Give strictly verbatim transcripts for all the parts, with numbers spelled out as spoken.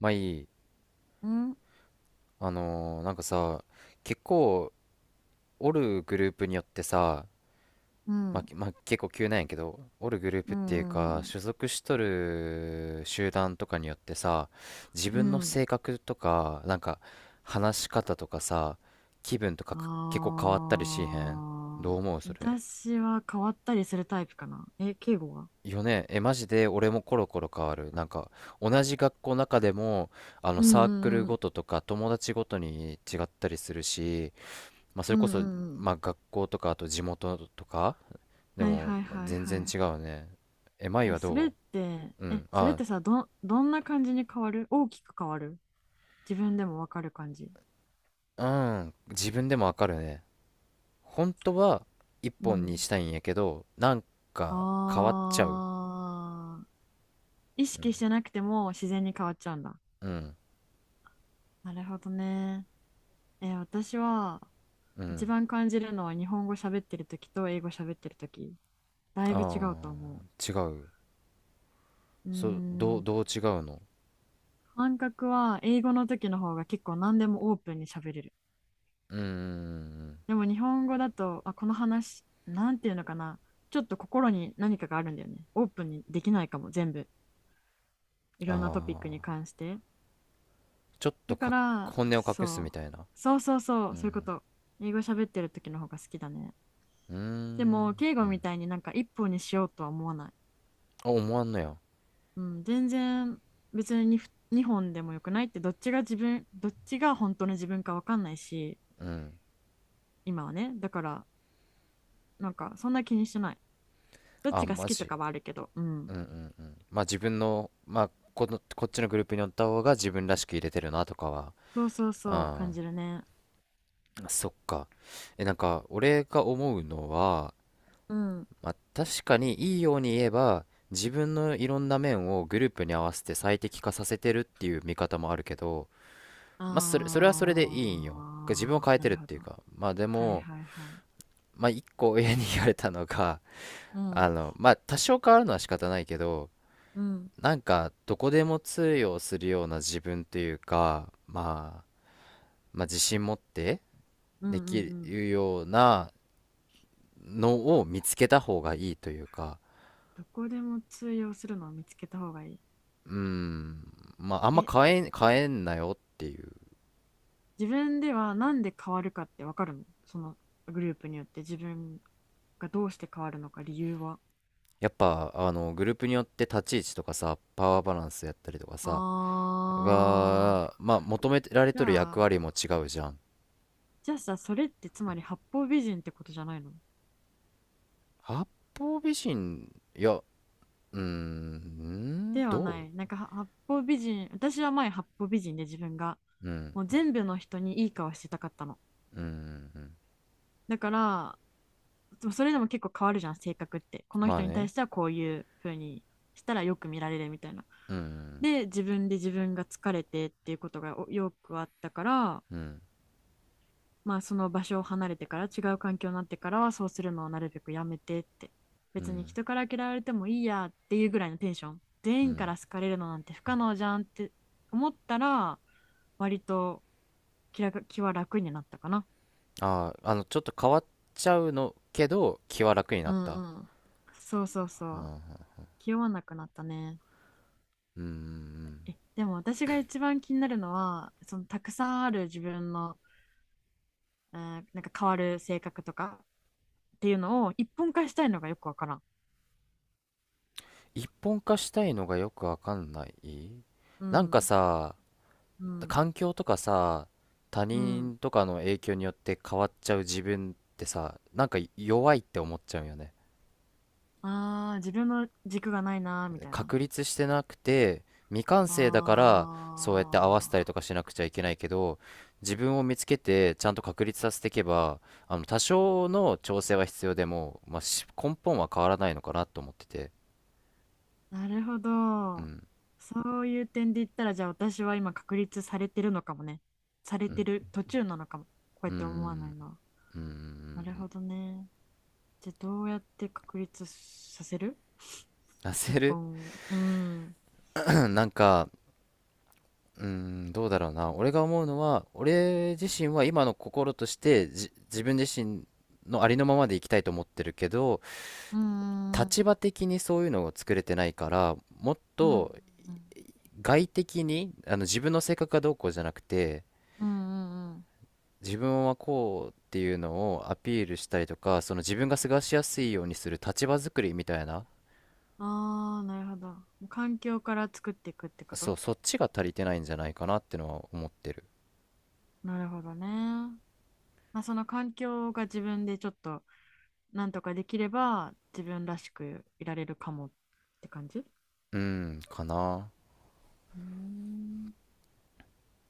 まあいい。ね、うん、あのーなんかさ、結構、おるグループによってさ、うまあ、ん、きまあ、結構急なんやけど、おるグループうっていうか、ん、所属しとる集団とかによってさ、自う分のん。性格とか、なんか、話し方とかさ、気分とかああか結構変わったりしへん。どう思うー、それ。私は変わったりするタイプかな。え、敬語は。よね。え、マジで俺もコロコロ変わる。なんか、同じ学校の中でも、あの、うサークん、ルうごん、ととか、友達ごとに違ったりするし、まあ、そうれこん、うん、そ、うん、うん。まあ、学校とかあと地元とかではいもはいはい全然は違うね。え、舞い。え、はそれっどて、ううえ、ん。それっあ、てさ、ど、どんな感じに変わる？大きく変わる？自分でもわかる感じ？うん。自分でもわかるね。本当は一う本にん。したいんやけど、なんか変わっちゃう。ああ、意識してなくても自然に変わっちゃうんだ。うん。なるほどね。え、私は、う一ん。番感じるのは日本語喋ってる時と英語喋ってる時だいぶ違あうとあ、思違う。う。うーそう、どう、ん。どう違うの感覚は英語の時の方が結構何でもオープンに喋れる。うーん。でも日本語だと、あ、この話、なんていうのかな。ちょっと心に何かがあるんだよね。オープンにできないかも、全部。いあろんなトピックにあ、関して。ちょっとだかか、ら、本音を隠すそみう。たいな。そうそうそうう、そういうこん。と。英語喋ってる時の方が好きだね。うーでん。も、敬う語ん。みたいになんか一本にしようとは思わない。あ、思わんのや。うん、全然。別ににほんでもよくない？ってどっちが自分、どっちが本当の自分か分かんないし、うん。今はね。だから、なんかそんな気にしてない。どっちあ、が好マきとジ。かはあるけど。うん。うんうんうんまあ自分の、まあ、この、こっちのグループにおった方が自分らしく入れてるなとかは、そうそうそう、あ感じるね。あそっか。え、なんか、俺が思うのは、うん。まあ、確かにいいように言えば、自分のいろんな面をグループに合わせて最適化させてるっていう見方もあるけど、まあ、それ、それはそれでいいんよ。自分をあ変えー、なてるるっほていど。うか。まあ、ではいも、はいはい。まあ、一個親に言われたのが、うあん、の、まあ、多少変わるのは仕方ないけど、うん、なんかどこでも通用するような自分というか、まあ、まあ自信持ってうん、うでん、うきん。るようなのを見つけた方がいいというか、どこでも通用するのを見つけた方がいい。うーん、まああんまえ、変え、変えんなよっていう。自分ではなんで変わるかってわかるの、そのグループによって自分がどうして変わるのか理由は。やっぱあのグループによって立ち位置とかさ、パワーバランスやったりとかさ、あが、まあ求めー、られじとるゃ役あ、割も違うじゃん。じゃあさ、それってつまり八方美人ってことじゃないの？八方美人、いや、うーん、ではどなうい。なんかは八方美人、私は前八方美人で自分がうん、もう全部の人にいい顔してたかったの。うん、うん。だから、でもそれでも結構変わるじゃん、性格って。このま人あに対ね。してはこういう風にしたらよく見られるみたいな。うん、で、自分で自分が疲れてっていうことがおよくあったから、うん、まあその場所を離れてから違う環境になってからはそうするのをなるべくやめてって。う別にん、人から嫌われてもいいやっていうぐらいのテンション。う全員かん。ら好かれるのなんて不可能じゃんって思ったら、割と気ら気は楽になったかな。ああ、あの、ちょっと変わっちゃうのけど、気は楽にうなった。んうん。そうそうそう。気負わなくなったね。うん、うん。え、でも私が一番気になるのは、そのたくさんある自分の、えーなんか変わる性格とかっていうのを一本化したいのがよくわからん。一本化したいのがよくわかんない。うなんかん、さ、うん、環境とかさ、他うん。人とかの影響によって変わっちゃう自分ってさ、なんか弱いって思っちゃうよね。ああ、自分の軸がないなーみたいな。確立してなくて未完成だからそうやって合わあせたりとかしなくちゃいけないけど自分を見つけてちゃんと確立させていけばあの多少の調整は必要でも、まあ、し根本は変わらないのかなと思っててあ、なるほうど。んそういう点で言ったら、じゃあ私は今確立されてるのかもね。されてる途中なのかも。こうやうーって思わないんのは。うーなるんほどね。じゃあどうやって確立させる？ 一焦る 本 を。うん。なんかうーんどうだろうな俺が思うのは俺自身は今の心としてじ自分自身のありのままでいきたいと思ってるけどうん、うん、立場的にそういうのを作れてないから、もっうん、と外的に、あの自分の性格がどうこうじゃなくて、うん、うん。自分はこうっていうのをアピールしたりとか、その自分が過ごしやすいようにする立場作りみたいな、ああー、なるほど。もう環境から作っていくってこそと？う、そっちが足りてないんじゃないかなってのは思ってる。なるほどね。まあ、その環境が自分でちょっとなんとかできれば自分らしくいられるかもって感じ。ううん、かな。ーん。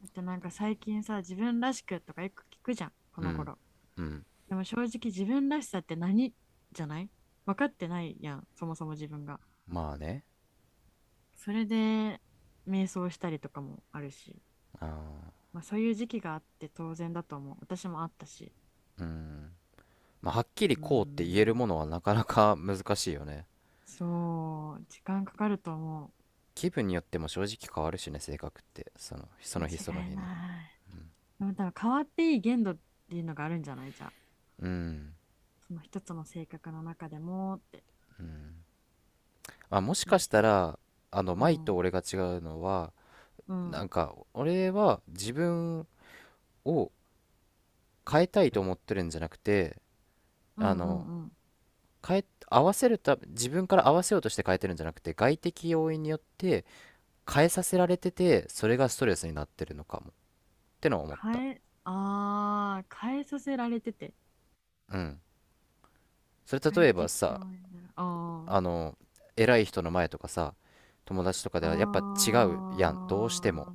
だってなんか最近さ、自分らしくとかよく聞くじゃん、こうのん、頃。うん。でも正直自分らしさって何？じゃない？分かってないやん、そもそも自分が。まあね。それで瞑想したりとかもあるし、あまあ、そういう時期があって当然だと思う。私もあったし。ー、うん。まあ、はっきりうーこうって言えるん、ものはなかなか難しいよね。そう、時間かかると思気分によっても正直変わるしね、性格って。その、そう。の日その間違い日に。ない。でも多分変わっていい限度っていうのがあるんじゃない、じゃあ。うん。その一つの性格の中でもって。まあ、もしいかいしじゃたん。ら、あの、う舞とん。俺が違うのは、うん。うなんん、か、俺は自分を変えたいと思ってるんじゃなくて、うあん、の、うん。変え、合わせるた、自分から合わせようとして変えてるんじゃなくて、外的要因によって変えさせられてて、それがストレスになってるのかも。ってのは思った。変え、ああ、変えさせられてて。うん。それ例快えば適さ、応援だ。あ、あの、偉い人の前とかさ、友達とかではやっぱ違あうやん。どうしても。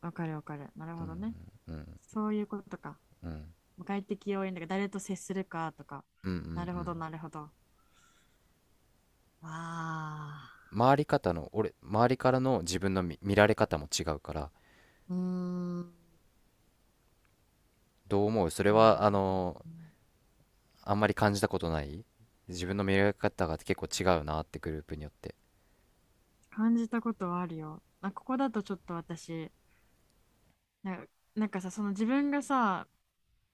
あ、わかるわかる。なるほどね。うん。そういうことか。うん。快適応援だから誰と接するかとか。うんうんうなるほん。ど、なるほど。ああ、回り方の俺周りからの自分の見、見られ方も違うからうーん。どう思うそれなるほどはね、あのうん、あんまり感じたことない自分の見られ方が結構違うなってグループによって感じたことはあるよ。あ、ここだとちょっと私、な、なんかさ、その自分がさ、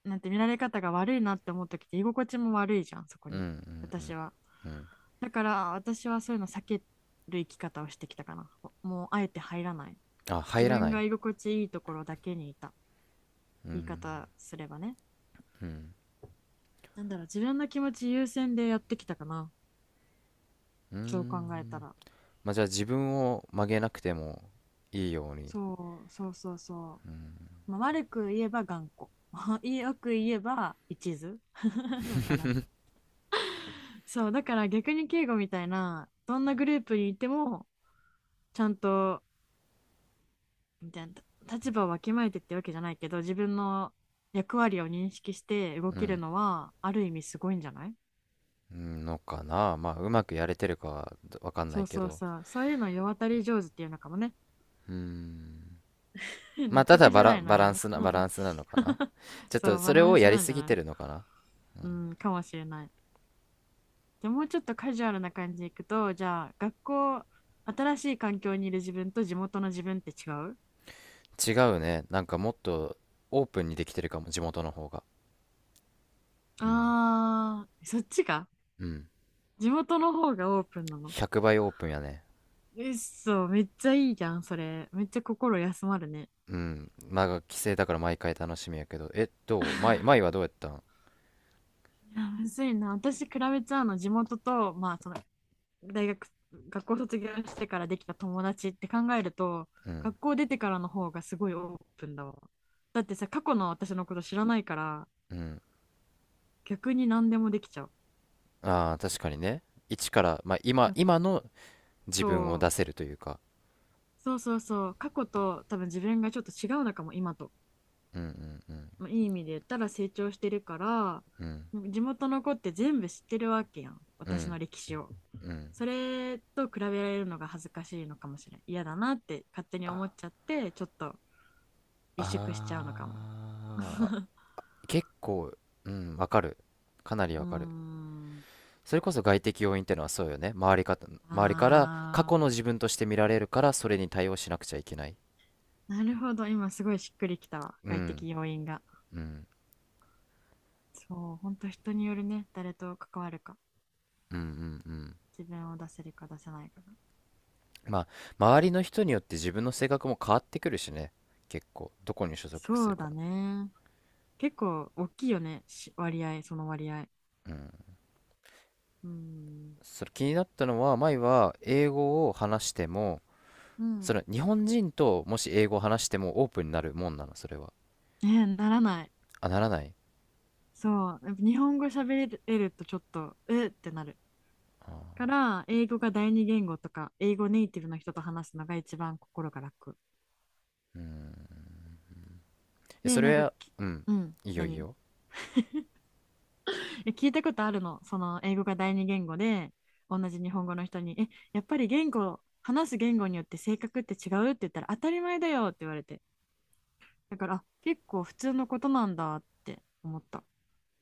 なんて見られ方が悪いなって思う時って居心地も悪いじゃん、そこうんうに。んう私んは、うんだから私はそういうの避ける生き方をしてきたかな。もうあえて入らない。あ自入ら分ないが居心地いいところだけにいた、う言いん方すればね。うんなんだろう、自分の気持ち優先でやってきたかな、うそう考えたんら。まあじゃあ自分を曲げなくてもいいようにそうそうそうそう、まあ、悪く言えば頑固、 よく言えば一途。 わからん。そう、だから逆に敬語みたいなどんなグループにいてもちゃんとみたいな、立場をわきまえてってわけじゃないけど、自分の役割を認識して動うけるんのはある意味すごいんじゃない。うんのかなまあうまくやれてるかはわかんなそいうけそうどそう、そういうの世渡り上手っていうのかもね。 うん まあ納た得だじバゃなラ、いバランな。 スなバランスなのかな ちょっそとう、そバれランをスやりなんじすゃぎなてい。るのかなうん、かもしれない。でもうちょっとカジュアルな感じでいくと、じゃあ学校、新しい環境にいる自分と地元の自分って違う？違うね。なんかもっとオープンにできてるかも、地元の方が。うん。あー、そっちか。うん。地元の方がオープンなの？ひゃくばいオープンやね。うっそ、めっちゃいいじゃん、それ。めっちゃ心休まるね。うん。まあ、帰省だから毎回楽しみやけど。え、どう前、前はどうやったんいや、むずいな。私、比べちゃうの、地元と、まあ、その、大学、学校卒業してからできた友達って考えると、うん。学校出てからの方がすごいオープンだわ。だってさ、過去の私のこと知らないから、うん。逆に何でもできちゃう。ああ、確かにね。一から、まあ、今、あ今の自分をと、出せるというか。そうそうそう、過去と多分自分がちょっと違うのかも、今と。うんうんまあ、いい意味で言ったら成長してるから、うん。うん。地元の子って全部知ってるわけやん、う私ん。の歴史を。うん。それと比べられるのが恥ずかしいのかもしれない、嫌だなって勝手に思っちゃってちょっと萎縮しちゃうのかも。 ああ、結構、うん、わかる。かなりうーわかる。ん、それこそ外的要因ってのはそうよね。周りか、周りから過去あの自分として見られるから、それに対応しなくちゃいけない。ー、なるほど、今すごいしっくりきたわ、う外ん、的要因が。うん、そう、本当人によるね、誰と関わるか、うん、うん、うん。自分を出せるか出せないかが。まあ、周りの人によって自分の性格も変わってくるしね。結構、どこに所属すそるうか。だね、結構大きいよね、し割合その割合。うん。うーん。それ気になったのは、前は英語を話しても、うそん。の日本人ともし英語を話してもオープンになるもんなの、それは。ね、ならない。あ、ならない。そう、やっぱ日本語喋れるとちょっとえーってなるから、英語が第二言語とか英語ネイティブの人と話すのが一番心が楽うん。えそで、なんれか、は、きうん。うん、いいよいい何？よ。え、聞いたことあるの、その英語が第二言語で同じ日本語の人に「え、やっぱり言語話す言語によって性格って違う？」って言ったら、「当たり前だよ」って言われて、だから、あ、結構普通のことなんだって思った。